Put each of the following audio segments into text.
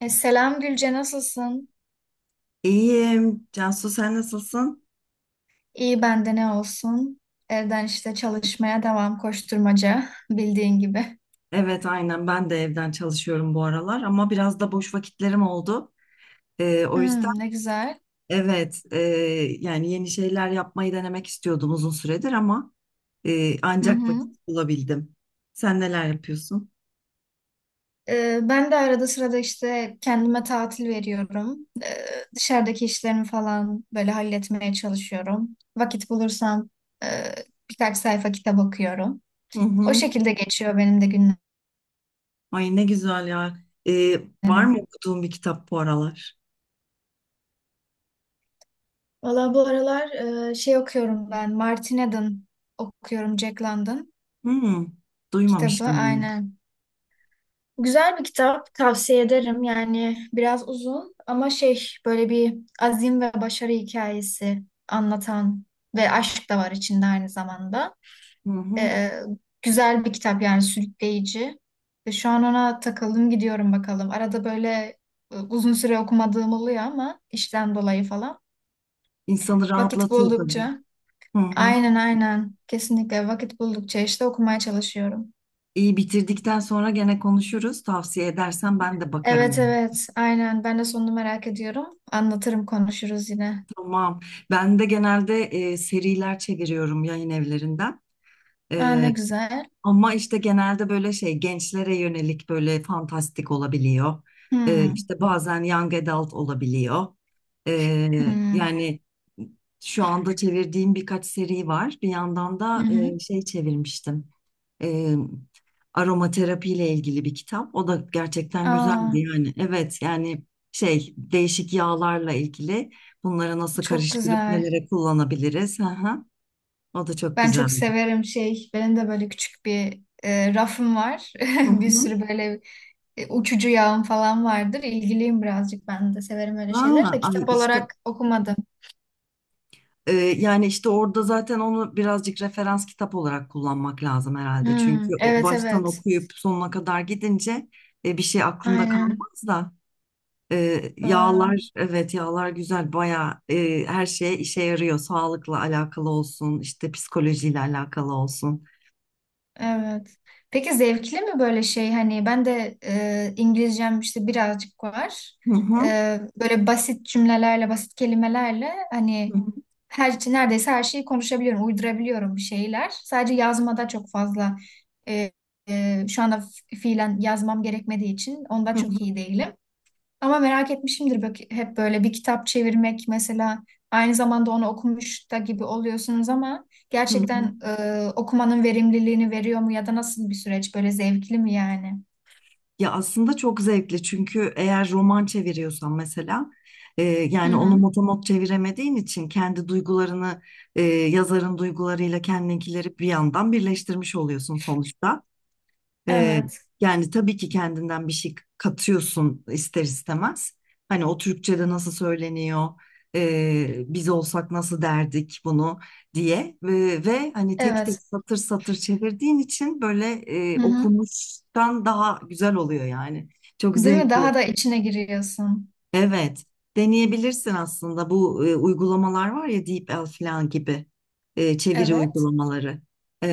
Selam Gülce, nasılsın? İyiyim. Cansu, sen nasılsın? İyi bende ne olsun? Evden işte çalışmaya devam koşturmaca bildiğin gibi. Evet aynen ben de evden çalışıyorum bu aralar ama biraz da boş vakitlerim oldu. O yüzden Hmm, ne güzel. evet, yani yeni şeyler yapmayı denemek istiyordum uzun süredir ama Hı ancak hı. vakit bulabildim. Sen neler yapıyorsun? Ben de arada sırada işte kendime tatil veriyorum. Dışarıdaki işlerimi falan böyle halletmeye çalışıyorum. Vakit bulursam e, birkaç sayfa kitap okuyorum. Hı O hı. şekilde geçiyor benim de Ay ne güzel ya. Ee, var mı günlerim. okuduğun bir kitap bu aralar? Valla bu aralar şey okuyorum ben. Martin Eden okuyorum, Jack London Hı, kitabı, duymamıştım bunu. aynen. Güzel bir kitap, tavsiye ederim. Yani biraz uzun ama şey, böyle bir azim ve başarı hikayesi anlatan ve aşk da var içinde aynı zamanda. Hı hı. Ee, güzel bir kitap yani, sürükleyici. Ve şu an ona takıldım gidiyorum bakalım. Arada böyle uzun süre okumadığım oluyor ama işten dolayı falan. İnsanı Vakit rahatlatıyor tabii. buldukça. Hı hı. Aynen aynen. Kesinlikle vakit buldukça işte okumaya çalışıyorum. İyi bitirdikten sonra gene konuşuruz. Tavsiye edersen ben de Evet bakarım. evet aynen, ben de sonunu merak ediyorum. Anlatırım, konuşuruz yine. Tamam. Ben de genelde seriler çeviriyorum yayın evlerinden. Aa, ne E, güzel. ama işte genelde böyle şey gençlere yönelik böyle fantastik olabiliyor. Hmm. İşte bazen young adult olabiliyor. E, Hmm. yani şu anda çevirdiğim birkaç seri var. Bir yandan Hı da hı. Şey çevirmiştim. e, aromaterapi ile ilgili bir kitap. O da gerçekten güzeldi Aa, yani. Evet yani şey değişik yağlarla ilgili bunları nasıl çok karıştırıp güzel. nelere kullanabiliriz. Hı hı. O da çok Ben çok güzeldi. severim şey. Benim de böyle küçük bir rafım var. Hı Bir hı. sürü böyle uçucu yağım falan vardır. İlgiliyim birazcık, ben de severim öyle şeyler Ha, de ay kitap işte, olarak okumadım. Yani işte orada zaten onu birazcık referans kitap olarak kullanmak lazım herhalde. Hmm. Çünkü o Evet baştan evet okuyup sonuna kadar gidince bir şey aklında aynen, kalmaz da. Ee, doğru. yağlar evet, yağlar güzel bayağı, her şeye işe yarıyor. Sağlıkla alakalı olsun, işte psikolojiyle alakalı olsun. Evet. Peki zevkli mi böyle şey, hani ben de İngilizcem işte birazcık var. Hı hı, Böyle basit cümlelerle, basit kelimelerle hani hı her şey, neredeyse her şeyi konuşabiliyorum, uydurabiliyorum bir şeyler. Sadece yazmada çok fazla e, şu anda fiilen yazmam gerekmediği için onda hı, çok iyi değilim. Ama merak etmişimdir bak, hep böyle bir kitap çevirmek mesela, aynı zamanda onu okumuş da gibi oluyorsunuz ama hı hı. gerçekten okumanın verimliliğini veriyor mu, ya da nasıl bir süreç, böyle zevkli mi yani? Ya aslında çok zevkli çünkü eğer roman çeviriyorsan mesela, Hı yani onu hı. motomot çeviremediğin için kendi duygularını, yazarın duygularıyla kendinkileri bir yandan birleştirmiş oluyorsun sonuçta. Ee, Evet. yani tabii ki kendinden bir şey katıyorsun ister istemez. Hani o Türkçe'de nasıl söyleniyor, biz olsak nasıl derdik bunu diye, ve hani tek tek Evet. satır satır çevirdiğin için böyle Hı hı. okumuştan daha güzel oluyor yani. Çok Değil mi? zevkli. Daha da içine giriyorsun. Evet, deneyebilirsin aslında bu uygulamalar var ya, DeepL falan gibi çeviri Evet. uygulamaları.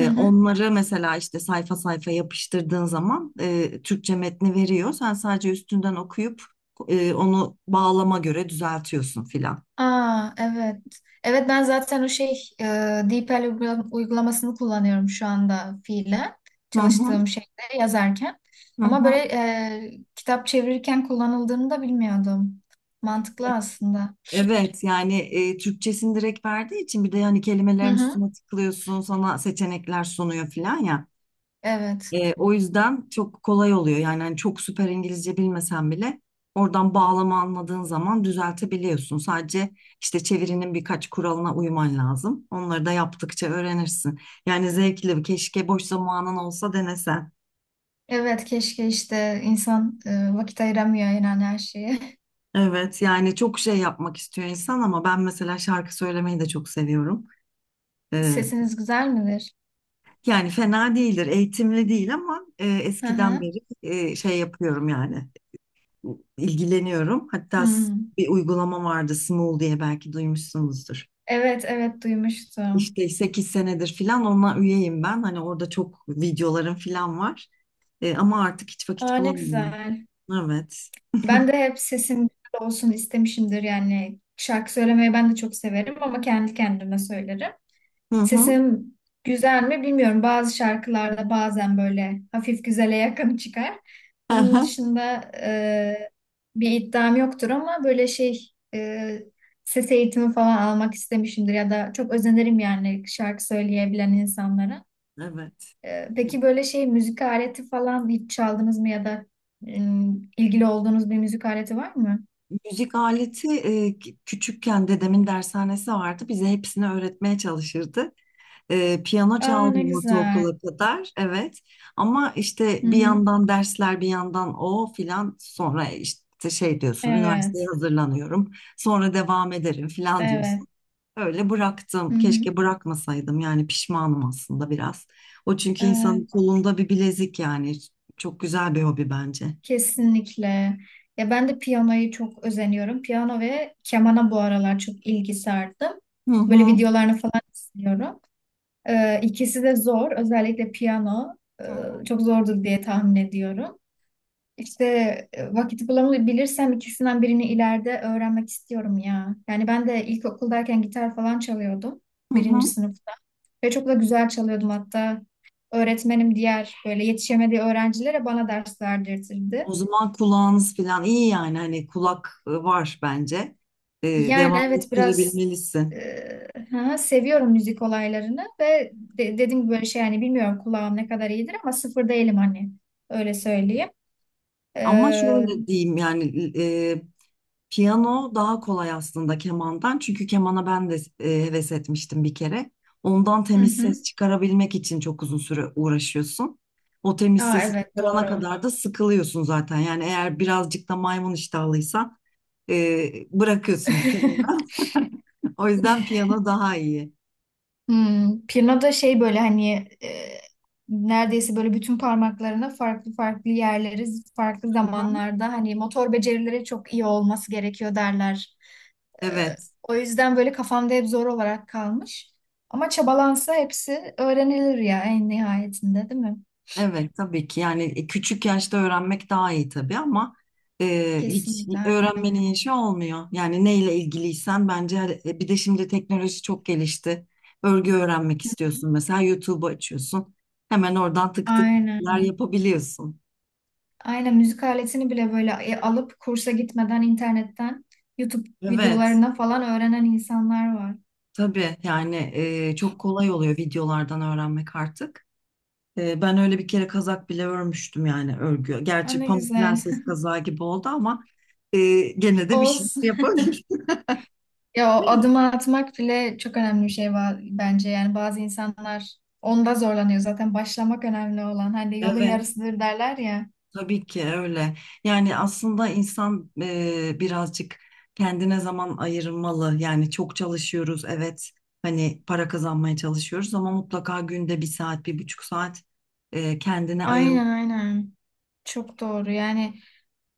Hı hı. onları mesela işte sayfa sayfa yapıştırdığın zaman Türkçe metni veriyor. Sen sadece üstünden okuyup onu bağlama göre düzeltiyorsun filan. Aa, evet. Evet, ben zaten o şey e, DeepL uygulamasını kullanıyorum şu anda, fiilen Hı hı, çalıştığım şeyde yazarken. hı Ama böyle hı. Kitap çevirirken kullanıldığını da bilmiyordum. Mantıklı aslında. Evet yani Türkçesini direkt verdiği için, bir de yani Hı kelimelerin hı. üstüne tıklıyorsun, sana seçenekler sunuyor filan ya. Evet. O yüzden çok kolay oluyor. Yani hani çok süper İngilizce bilmesen bile oradan bağlama anladığın zaman düzeltebiliyorsun. Sadece işte çevirinin birkaç kuralına uyman lazım. Onları da yaptıkça öğrenirsin. Yani zevkli, keşke boş zamanın olsa denesen. Evet, keşke işte insan vakit ayıramıyor yani her şeye. Evet, yani çok şey yapmak istiyor insan ama ben mesela şarkı söylemeyi de çok seviyorum. E, Sesiniz güzel midir? yani fena değildir, eğitimli değil ama Hı eskiden hı. beri şey yapıyorum yani. İlgileniyorum. Hatta Hmm. bir uygulama vardı, Smule diye, belki duymuşsunuzdur. Evet evet, duymuştum. İşte 8 senedir filan ona üyeyim ben. Hani orada çok videolarım filan var. Ama artık hiç Aa, vakit ne bulamıyorum. güzel. Evet. Ben de hep sesim güzel olsun istemişimdir, yani şarkı söylemeyi ben de çok severim ama kendi kendime söylerim. Hı hı. Sesim güzel mi bilmiyorum. Bazı şarkılarda bazen böyle hafif güzele yakın çıkar. Onun Aha. dışında bir iddiam yoktur ama böyle şey, ses eğitimi falan almak istemişimdir ya da çok özenirim yani şarkı söyleyebilen insanlara. Evet. Peki böyle şey, müzik aleti falan hiç çaldınız mı ya da e, ilgili olduğunuz bir müzik aleti var mı? Müzik aleti, küçükken dedemin dershanesi vardı. Bize hepsini öğretmeye çalışırdı. Piyano Aa, ne çaldım güzel. ortaokula kadar, evet. Ama işte Hı bir hı. yandan dersler, bir yandan o filan. Sonra işte şey diyorsun, Evet. üniversiteye hazırlanıyorum. Sonra devam ederim filan diyorsun. Evet. Öyle bıraktım. Hı hı. Keşke bırakmasaydım. Yani pişmanım aslında biraz. O çünkü insanın Evet. kolunda bir bilezik yani. Çok güzel bir hobi bence. Kesinlikle. Ya ben de piyanoyu çok özeniyorum. Piyano ve kemana bu aralar çok ilgi sardım. Hı Böyle hı. videolarını falan izliyorum. İkisi de zor. Özellikle piyano e, Hı hı. çok zordur diye tahmin ediyorum. İşte vakit bulamabilirsem ikisinden birini ileride öğrenmek istiyorum ya. Yani ben de ilkokuldayken gitar falan çalıyordum, Hı hı. birinci sınıfta. Ve çok da güzel çalıyordum hatta. Öğretmenim diğer böyle yetişemediği öğrencilere bana ders O verdirtirdi. zaman kulağınız filan iyi yani. Hani kulak var bence. E, Yani devam evet, biraz ettirebilmelisin. e, ha, seviyorum müzik olaylarını ve dediğim gibi, böyle şey yani bilmiyorum kulağım ne kadar iyidir ama sıfır değilim hani, öyle söyleyeyim. Ama Ee, şöyle diyeyim yani, piyano daha kolay aslında kemandan. Çünkü kemana ben de heves etmiştim bir kere. Ondan hı temiz hı. ses çıkarabilmek için çok uzun süre uğraşıyorsun. O temiz Aa, sesi evet, çıkarana doğru. kadar da sıkılıyorsun zaten. Yani eğer birazcık da maymun iştahlıysan bırakıyorsun bir kenara. O yüzden piyano daha iyi. Hmm, pirna da şey böyle hani e, neredeyse böyle bütün parmaklarına farklı farklı yerleri farklı Hı hı. zamanlarda hani motor becerileri çok iyi olması gerekiyor derler. E, Evet. O yüzden böyle kafamda hep zor olarak kalmış. Ama çabalansa hepsi öğrenilir ya en nihayetinde, değil mi? Evet tabii ki yani küçük yaşta öğrenmek daha iyi tabii ama hiç Kesinlikle, aynen. öğrenmenin yaşı olmuyor. Yani neyle ilgiliysen bence bir de şimdi teknoloji çok gelişti. Örgü öğrenmek istiyorsun mesela, YouTube'u açıyorsun. Hemen oradan tık tık tıklar Aynen. yapabiliyorsun. Aynen, müzik aletini bile böyle alıp kursa gitmeden internetten YouTube Evet videolarına falan öğrenen insanlar var. tabii yani çok kolay oluyor videolardan öğrenmek artık. Ben öyle bir kere kazak bile örmüştüm yani, örgü. Aa, Gerçi ne Pamuk güzel. Prenses kazağı gibi oldu ama e, gene de bir şey Olsun. yapabildim. Ya o adımı atmak bile çok önemli bir şey var bence. Yani bazı insanlar onda zorlanıyor. Zaten başlamak önemli olan. Hani yolun Evet, yarısıdır derler ya. tabii ki öyle. Yani aslında insan birazcık kendine zaman ayırmalı. Yani çok çalışıyoruz, evet. Hani para kazanmaya çalışıyoruz ama mutlaka günde bir saat, bir buçuk saat kendine ayırmalı. Aynen aynen. Çok doğru. Yani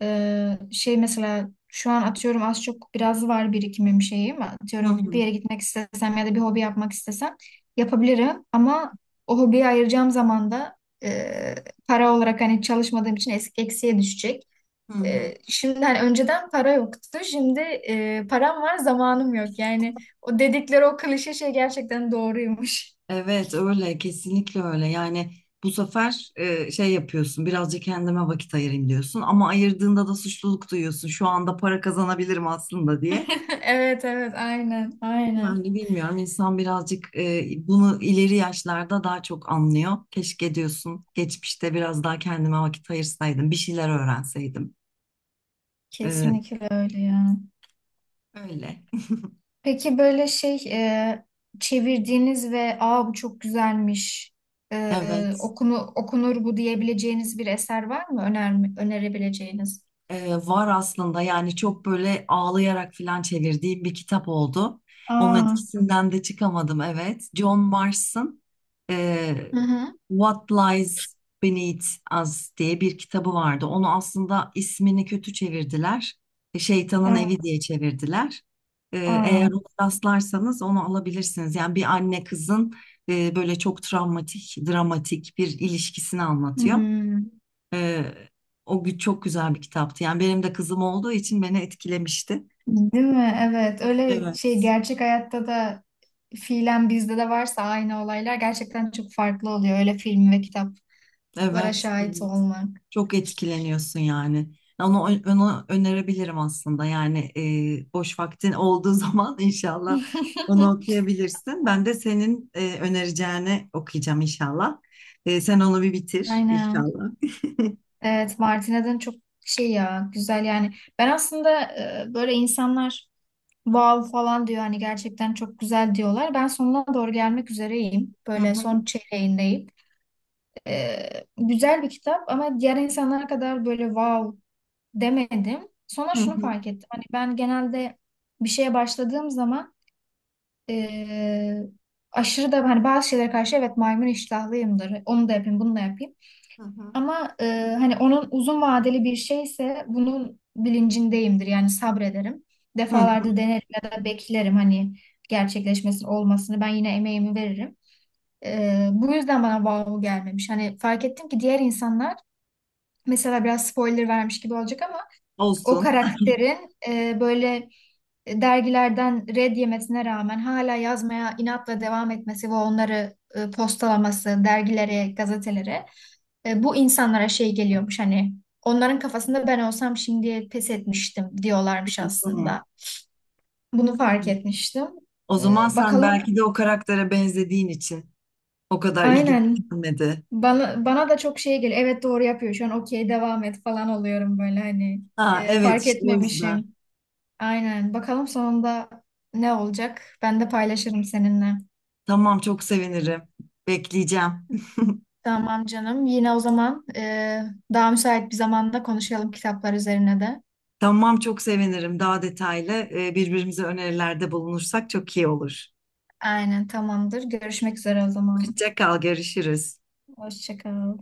şey mesela şu an, atıyorum, az çok biraz var birikimim şeyim. Hı Atıyorum bir hı, yere gitmek istesem ya da bir hobi yapmak istesem yapabilirim. Ama o hobiye ayıracağım zaman da e, para olarak hani çalışmadığım için eksiye düşecek. hı hı. Şimdi hani önceden para yoktu. Şimdi param var, zamanım yok. Yani o dedikleri o klişe şey gerçekten doğruymuş. Evet, öyle. Kesinlikle öyle. Yani bu sefer şey yapıyorsun, birazcık kendime vakit ayırayım diyorsun. Ama ayırdığında da suçluluk duyuyorsun. Şu anda para kazanabilirim aslında diye. Evet evet aynen aynen. Yani bilmiyorum, insan birazcık bunu ileri yaşlarda daha çok anlıyor. Keşke diyorsun, geçmişte biraz daha kendime vakit ayırsaydım, bir şeyler öğrenseydim. E, Kesinlikle öyle ya. öyle. Peki böyle şey, çevirdiğiniz ve aa bu çok güzelmiş, e, Evet, okunu, okunur bu diyebileceğiniz bir eser var mı? Öner, önerebileceğiniz? Var aslında yani, çok böyle ağlayarak falan çevirdiğim bir kitap oldu. Onun Aa. etkisinden de çıkamadım, evet. John Mars'ın Hı hı. What Lies Beneath Us diye bir kitabı vardı. Onu aslında ismini kötü çevirdiler. Şeytanın Evi Aa. diye çevirdiler. Ee, Aa. eğer ona rastlarsanız onu alabilirsiniz. Yani bir anne kızın böyle çok travmatik, dramatik bir ilişkisini anlatıyor. Hmm. Ee, Çok güzel bir kitaptı. Yani benim de kızım olduğu için beni etkilemişti. Değil mi? Evet. Öyle şey, Evet. gerçek hayatta da fiilen bizde de varsa aynı olaylar, gerçekten çok farklı oluyor öyle film ve kitaplara Evet. şahit olmak. Çok etkileniyorsun yani. Onu, onu önerebilirim aslında. Yani boş vaktin olduğu zaman inşallah onu okuyabilirsin. Ben de senin önereceğini okuyacağım inşallah. Sen onu bir bitir Aynen. inşallah. Evet, Martin Eden çok şey ya, güzel yani. Ben aslında böyle insanlar wow falan diyor, hani gerçekten çok güzel diyorlar. Ben sonuna doğru gelmek üzereyim, Hı böyle hı, son çeyreğindeyim. E, Güzel bir kitap ama diğer insanlara kadar böyle wow demedim. Sonra hı şunu hı, fark ettim. Hani ben genelde bir şeye başladığım zaman eee, aşırı da hani bazı şeylere karşı, evet, maymun iştahlıyımdır. Onu da yapayım, bunu da yapayım. hı hı, Ama hani onun uzun vadeli bir şeyse bunun bilincindeyimdir. Yani sabrederim. hı hı. Defalarda denerim ya da beklerim hani gerçekleşmesini, olmasını. Ben yine emeğimi veririm. Bu yüzden bana wow gelmemiş. Hani fark ettim ki diğer insanlar, mesela biraz spoiler vermiş gibi olacak ama o Olsun. karakterin böyle dergilerden red yemesine rağmen hala yazmaya inatla devam etmesi ve onları postalaması dergilere, gazetelere, bu insanlara şey geliyormuş, hani onların kafasında ben olsam şimdi pes etmiştim diyorlarmış Hı. aslında. Bunu fark etmiştim. O zaman sen Bakalım, belki de o karaktere benzediğin için o kadar ilginç aynen, gelmedi. Bana da çok şey geliyor. Evet, doğru yapıyor şu an, okey devam et falan oluyorum, böyle hani Ha, evet, fark işte o yüzden. etmemişim. Aynen. Bakalım sonunda ne olacak? Ben de paylaşırım seninle. Tamam, çok sevinirim. Bekleyeceğim. Tamam canım. Yine o zaman daha müsait bir zamanda konuşalım kitaplar üzerine de. Tamam, çok sevinirim. Daha detaylı birbirimize önerilerde bulunursak çok iyi olur. Aynen tamamdır. Görüşmek üzere o zaman. Hoşça kal, görüşürüz. Hoşça kal.